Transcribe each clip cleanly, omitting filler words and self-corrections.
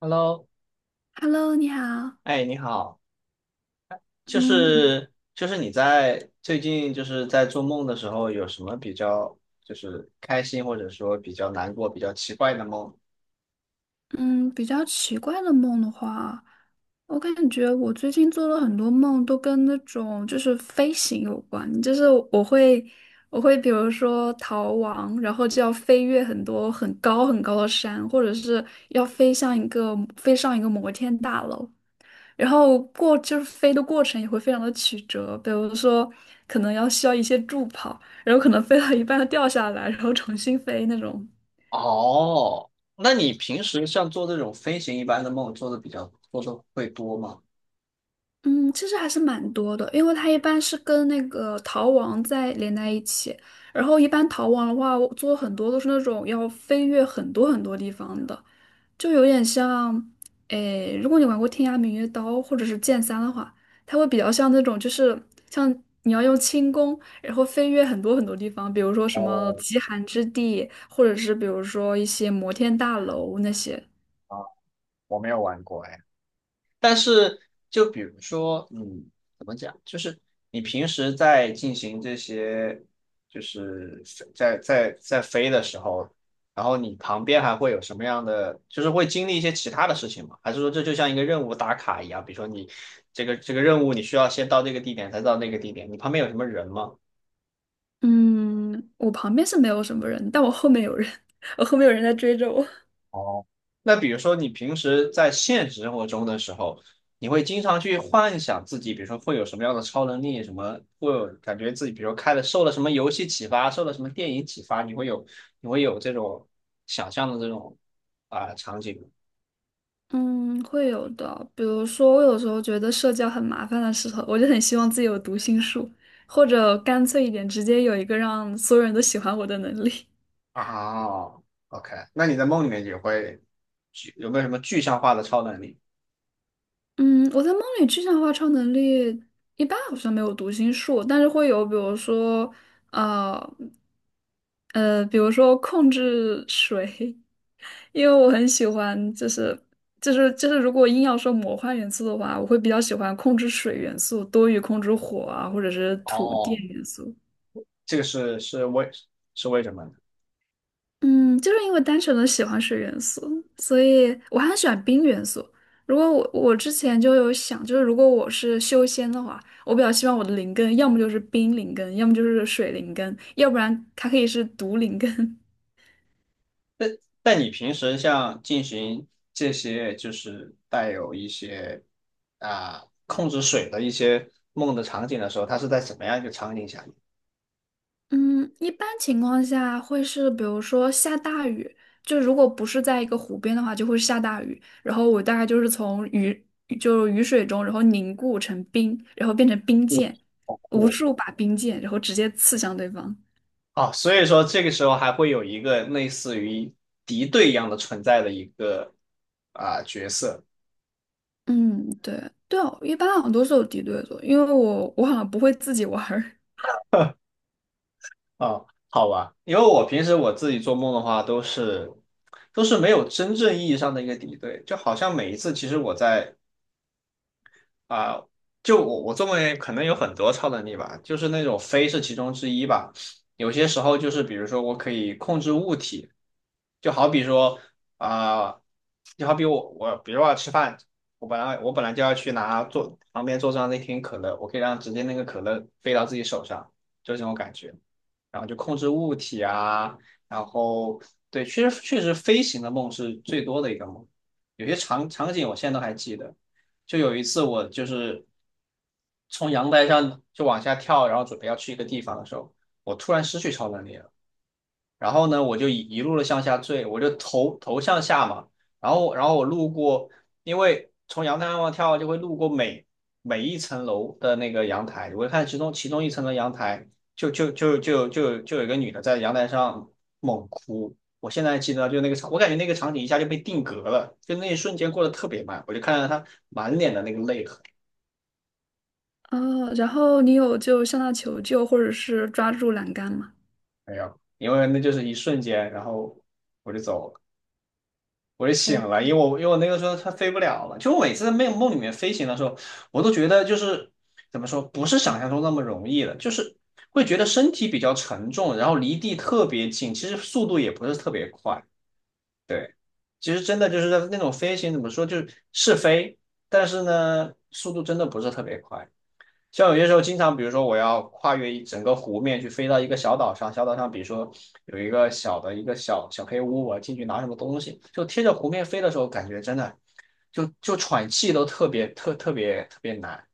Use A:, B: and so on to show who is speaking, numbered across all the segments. A: Hello，
B: Hello，你好。
A: 哎，你好，就
B: 嗯嗯
A: 是就是你在最近在做梦的时候，有什么比较开心或者说比较难过、比较奇怪的梦？
B: 嗯，比较奇怪的梦的话，我感觉我最近做了很多梦，都跟那种就是飞行有关。就是我会比如说逃亡，然后就要飞越很多很高很高的山，或者是要飞上一个摩天大楼。然后就是飞的过程也会非常的曲折，比如说可能要需要一些助跑，然后可能飞到一半掉下来，然后重新飞那种。
A: 哦，那你平时像做这种飞行一般的梦，做的会多吗？
B: 嗯，其实还是蛮多的，因为它一般是跟那个逃亡在连在一起，然后一般逃亡的话，我做很多都是那种要飞越很多很多地方的，就有点像，诶，如果你玩过《天涯明月刀》或者是《剑三》的话，它会比较像那种，就是像你要用轻功，然后飞越很多很多地方，比如说什么
A: 哦，
B: 极寒之地，或者是比如说一些摩天大楼那些。
A: 啊，我没有玩过。但是就比如说，怎么讲，就是你平时在进行这些，就是在飞的时候，然后你旁边还会有什么样的，就是会经历一些其他的事情吗？还是说这就像一个任务打卡一样？比如说你这个任务，你需要先到这个地点，才到那个地点，你旁边有什么人吗？
B: 嗯，我旁边是没有什么人，但我后面有人，我后面有人在追着我。
A: 哦，那比如说你平时在现实生活中的时候，你会经常去幻想自己，比如说会有什么样的超能力，什么会有感觉自己，比如说开了受了什么游戏启发，受了什么电影启发，你会有这种想象的这种场景吗？
B: 嗯，会有的。比如说，我有时候觉得社交很麻烦的时候，我就很希望自己有读心术，或者干脆一点，直接有一个让所有人都喜欢我的能力。
A: 啊，OK，那你在梦里面也会有没有什么具象化的超能力？
B: 嗯，我在梦里具象化超能力一般好像没有读心术，但是会有，比如说，呃，比如说控制水，因为我很喜欢，就是，如果硬要说魔幻元素的话，我会比较喜欢控制水元素多于控制火啊，或者是土电
A: 哦，
B: 元素。
A: 这个是是为是为什么？呢？
B: 嗯，就是因为单纯的喜欢水元素，所以我还很喜欢冰元素。如果我之前就有想，就是如果我是修仙的话，我比较希望我的灵根要么就是冰灵根，要么就是水灵根，要不然它可以是毒灵根。
A: 但但你平时像进行这些就是带有一些控制水的一些梦的场景的时候，它是在什么样一个场景下面？
B: 嗯，一般情况下会是，比如说下大雨，就如果不是在一个湖边的话，就会下大雨。然后我大概就是就雨水中，然后凝固成冰，然后变成冰
A: 嗯，
B: 箭，
A: 好
B: 无
A: 酷。
B: 数把冰箭，然后直接刺向对方。
A: 啊！所以说这个时候还会有一个类似于敌对一样的存在的一个角色。
B: 嗯，对，对哦，一般好像都是有敌对组，因为我好像不会自己玩儿。
A: 啊，好吧？因为我平时我自己做梦的话，都是没有真正意义上的一个敌对，就好像每一次其实我在啊、就我我作为可能有很多超能力吧，就是那种飞是其中之一吧。有些时候就是比如说我可以控制物体，就好比说啊、就好比我比如说我要吃饭，我本来就要去拿桌旁边桌上那瓶可乐，我可以让直接那个可乐飞到自己手上，就这种感觉。然后就控制物体啊，然后对，确实飞行的梦是最多的一个梦，有些场景我现在都还记得，就有一次我就是从阳台上就往下跳，然后准备要去一个地方的时候，我突然失去超能力了。然后呢，我就一路的向下坠，我就头向下嘛，然后我路过，因为从阳台上往跳就会路过每一层楼的那个阳台，我看其中一层的阳台就有一个女的在阳台上猛哭，我现在记得就那个场，我感觉那个场景一下就被定格了，就那一瞬间过得特别慢，我就看到她满脸的那个泪痕。
B: 哦，然后你有就向他求救，或者是抓住栏杆吗？
A: 没有，因为那就是一瞬间，然后我就走了。我就醒了，因为我那个时候它飞不了了，就我每次在梦里面飞行的时候，我都觉得就是怎么说，不是想象中那么容易了，就是会觉得身体比较沉重，然后离地特别近，其实速度也不是特别快。对，其实真的就是那种飞行怎么说，就是是飞，但是呢，速度真的不是特别快。像有些时候，经常比如说我要跨越一整个湖面去飞到一个小岛上，小岛上比如说有一个小的一个小小黑屋，我要进去拿什么东西，就贴着湖面飞的时候，感觉真的就喘气都特别难。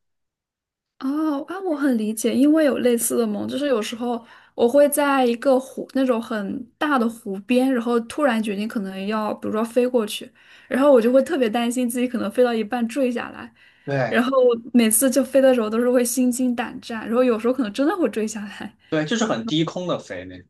B: 哦啊，我很理解，因为有类似的梦，就是有时候我会在一个湖那种很大的湖边，然后突然决定可能要，比如说飞过去，然后我就会特别担心自己可能飞到一半坠下来，然
A: 对
B: 后每次就飞的时候都是会心惊胆战，然后有时候可能真的会坠下来。
A: 对，就是很低空的飞那种。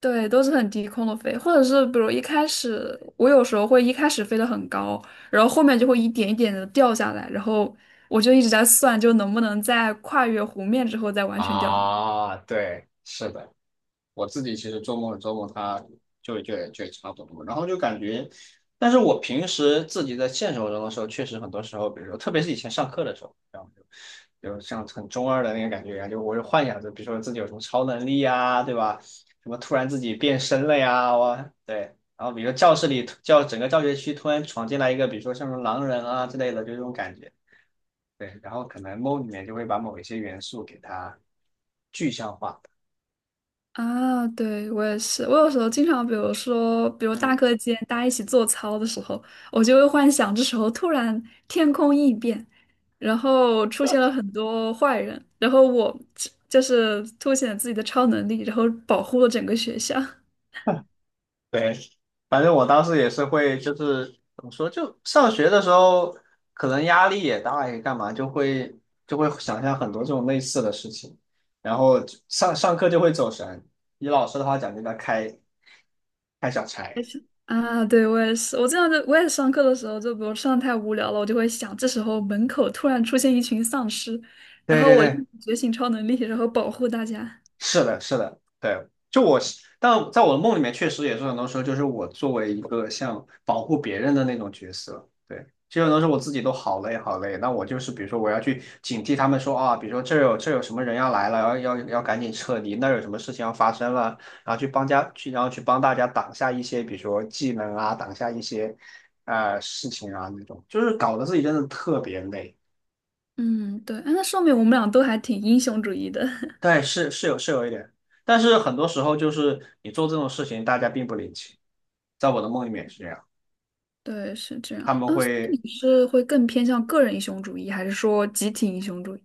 B: 对，都是很低空的飞，或者是比如一开始我有时候会一开始飞得很高，然后后面就会一点一点的掉下来，然后我就一直在算，就能不能在跨越湖面之后再完全掉下。
A: 啊，对，是的。我自己其实周末做梦，他就也差不多，然后就感觉，但是我平时自己在现实生活中的时候，确实很多时候，比如说特别是以前上课的时候，然后就有像很中二的那个感觉一样，就我就幻想着，比如说自己有什么超能力呀，对吧？什么突然自己变身了呀，我对。然后比如说教室里教整个教学区突然闯进来一个，比如说像什么狼人啊之类的，就这种感觉。对，然后可能梦里面就会把某一些元素给它具象化。
B: 啊，对，我也是。我有时候经常，比如说，比如
A: 嗯。
B: 大课间大家一起做操的时候，我就会幻想这时候突然天空异变，然后出现了很多坏人，然后我就是凸显自己的超能力，然后保护了整个学校。
A: 对，反正我当时也是会，就是怎么说，就上学的时候可能压力也大，也干嘛，就会想象很多这种类似的事情，然后就上课就会走神，以老师的话讲就叫开小差。
B: 也是 啊，对，我也是。我经常就我也上课的时候，就比如上得太无聊了，我就会想，这时候门口突然出现一群丧尸，然
A: 对
B: 后
A: 对
B: 我立
A: 对，
B: 马觉醒超能力，然后保护大家。
A: 是的，是的，对，就我但在我的梦里面，确实也是很多时候，就是我作为一个像保护别人的那种角色，对，就很多时候我自己都好累好累，那我就是比如说我要去警惕他们说啊，比如说这有什么人要来了，要赶紧撤离，那有什么事情要发生了，然后去帮家去，然后去帮大家挡下一些，比如说技能啊，挡下一些事情啊那种，就是搞得自己真的特别累。
B: 嗯，对，哎，那说明我们俩都还挺英雄主义的。
A: 对，是是有是有一点，但是很多时候就是你做这种事情，大家并不领情。在我的梦里面也是这样。
B: 对，是这样。
A: 他们
B: 啊，所
A: 会
B: 以你是会更偏向个人英雄主义，还是说集体英雄主义？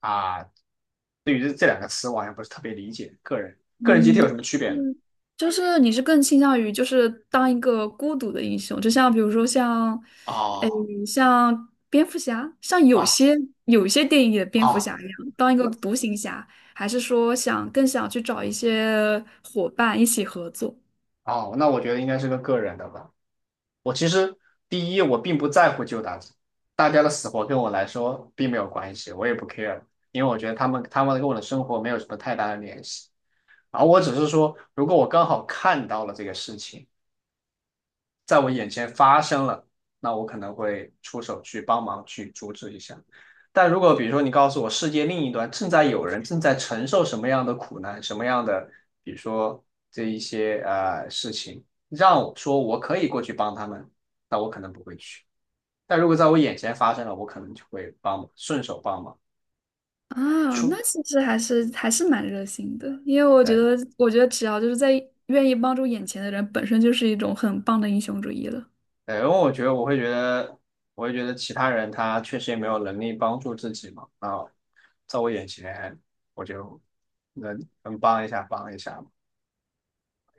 A: 啊，对于这两个词，我好像不是特别理解。个人集体
B: 嗯，
A: 有什么区别呢？
B: 嗯就是你是更倾向于就是当一个孤独的英雄，就像比如说像，
A: 哦
B: 像蝙蝠侠，像有
A: 啊
B: 些有些电影里的蝙蝠
A: 啊
B: 侠一样，当一个独行侠，还是说想更想去找一些伙伴一起合作？
A: 哦，那我觉得应该是个人的吧。我其实第一，我并不在乎旧搭子，大家的死活跟我来说并没有关系，我也不 care，因为我觉得他们跟我的生活没有什么太大的联系。然后我只是说，如果我刚好看到了这个事情。在我眼前发生了，那我可能会出手去帮忙去阻止一下。但如果比如说你告诉我世界另一端正在有人正在承受什么样的苦难，什么样的，比如说这一些事情，让我说我可以过去帮他们，那我可能不会去。但如果在我眼前发生了，我可能就会帮忙，顺手帮忙
B: 啊，那
A: 出。
B: 其实还是蛮热心的，因为我觉
A: 对。
B: 得，我觉得只要就是在愿意帮助眼前的人，本身就是一种很棒的英雄主义了。
A: 哎，因为我觉得我会觉得，我会觉得其他人他确实也没有能力帮助自己嘛。那在我眼前，我就能帮一下，帮一下嘛。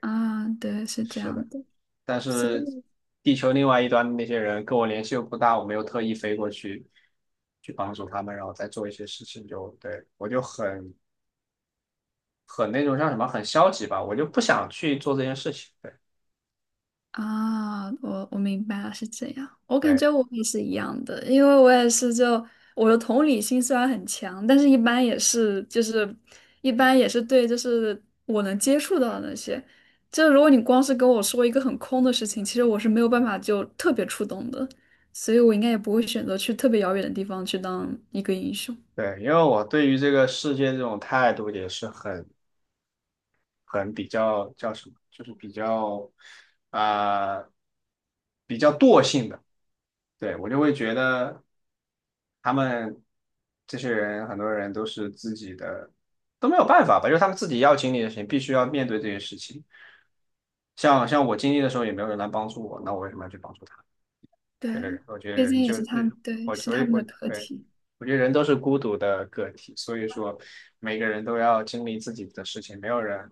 B: 啊，对，是这
A: 是的，
B: 样的，
A: 但
B: 所
A: 是
B: 以。
A: 地球另外一端的那些人跟我联系又不大，我没有特意飞过去去帮助他们，然后再做一些事情就，对，我就很那种像什么很消极吧，我就不想去做这件事情。对
B: 啊，我明白了，是这样。我感
A: 对
B: 觉我也是一样的，因为我也是就我的同理心虽然很强，但是一般也是对就是我能接触到的那些，就如果你光是跟我说一个很空的事情，其实我是没有办法就特别触动的，所以我应该也不会选择去特别遥远的地方去当一个英雄。
A: 对，因为我对于这个世界这种态度也是很。很比较叫什么，就是比较啊、呃比较惰性的，对，我就会觉得他们这些人很多人都是自己的都没有办法吧，就是他们自己要经历的事情，必须要面对这些事情。像我经历的时候，也没有人来帮助我，那我为什么要去帮助他？对对
B: 对，
A: 对，我觉得
B: 毕
A: 人
B: 竟也
A: 就
B: 是他们，
A: 是，
B: 对，
A: 我
B: 是
A: 我
B: 他们
A: 我
B: 的课
A: 对，
B: 题。
A: 我觉得人都是孤独的个体，所以说每个人都要经历自己的事情，没有人。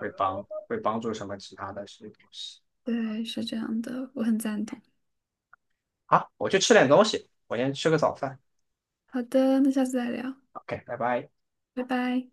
A: 会帮助什么其他的这些东西。
B: 对，是这样的，我很赞同。
A: 好，我去吃点东西，我先吃个早饭。
B: 好的，那下次再聊，
A: OK，拜拜。
B: 拜拜。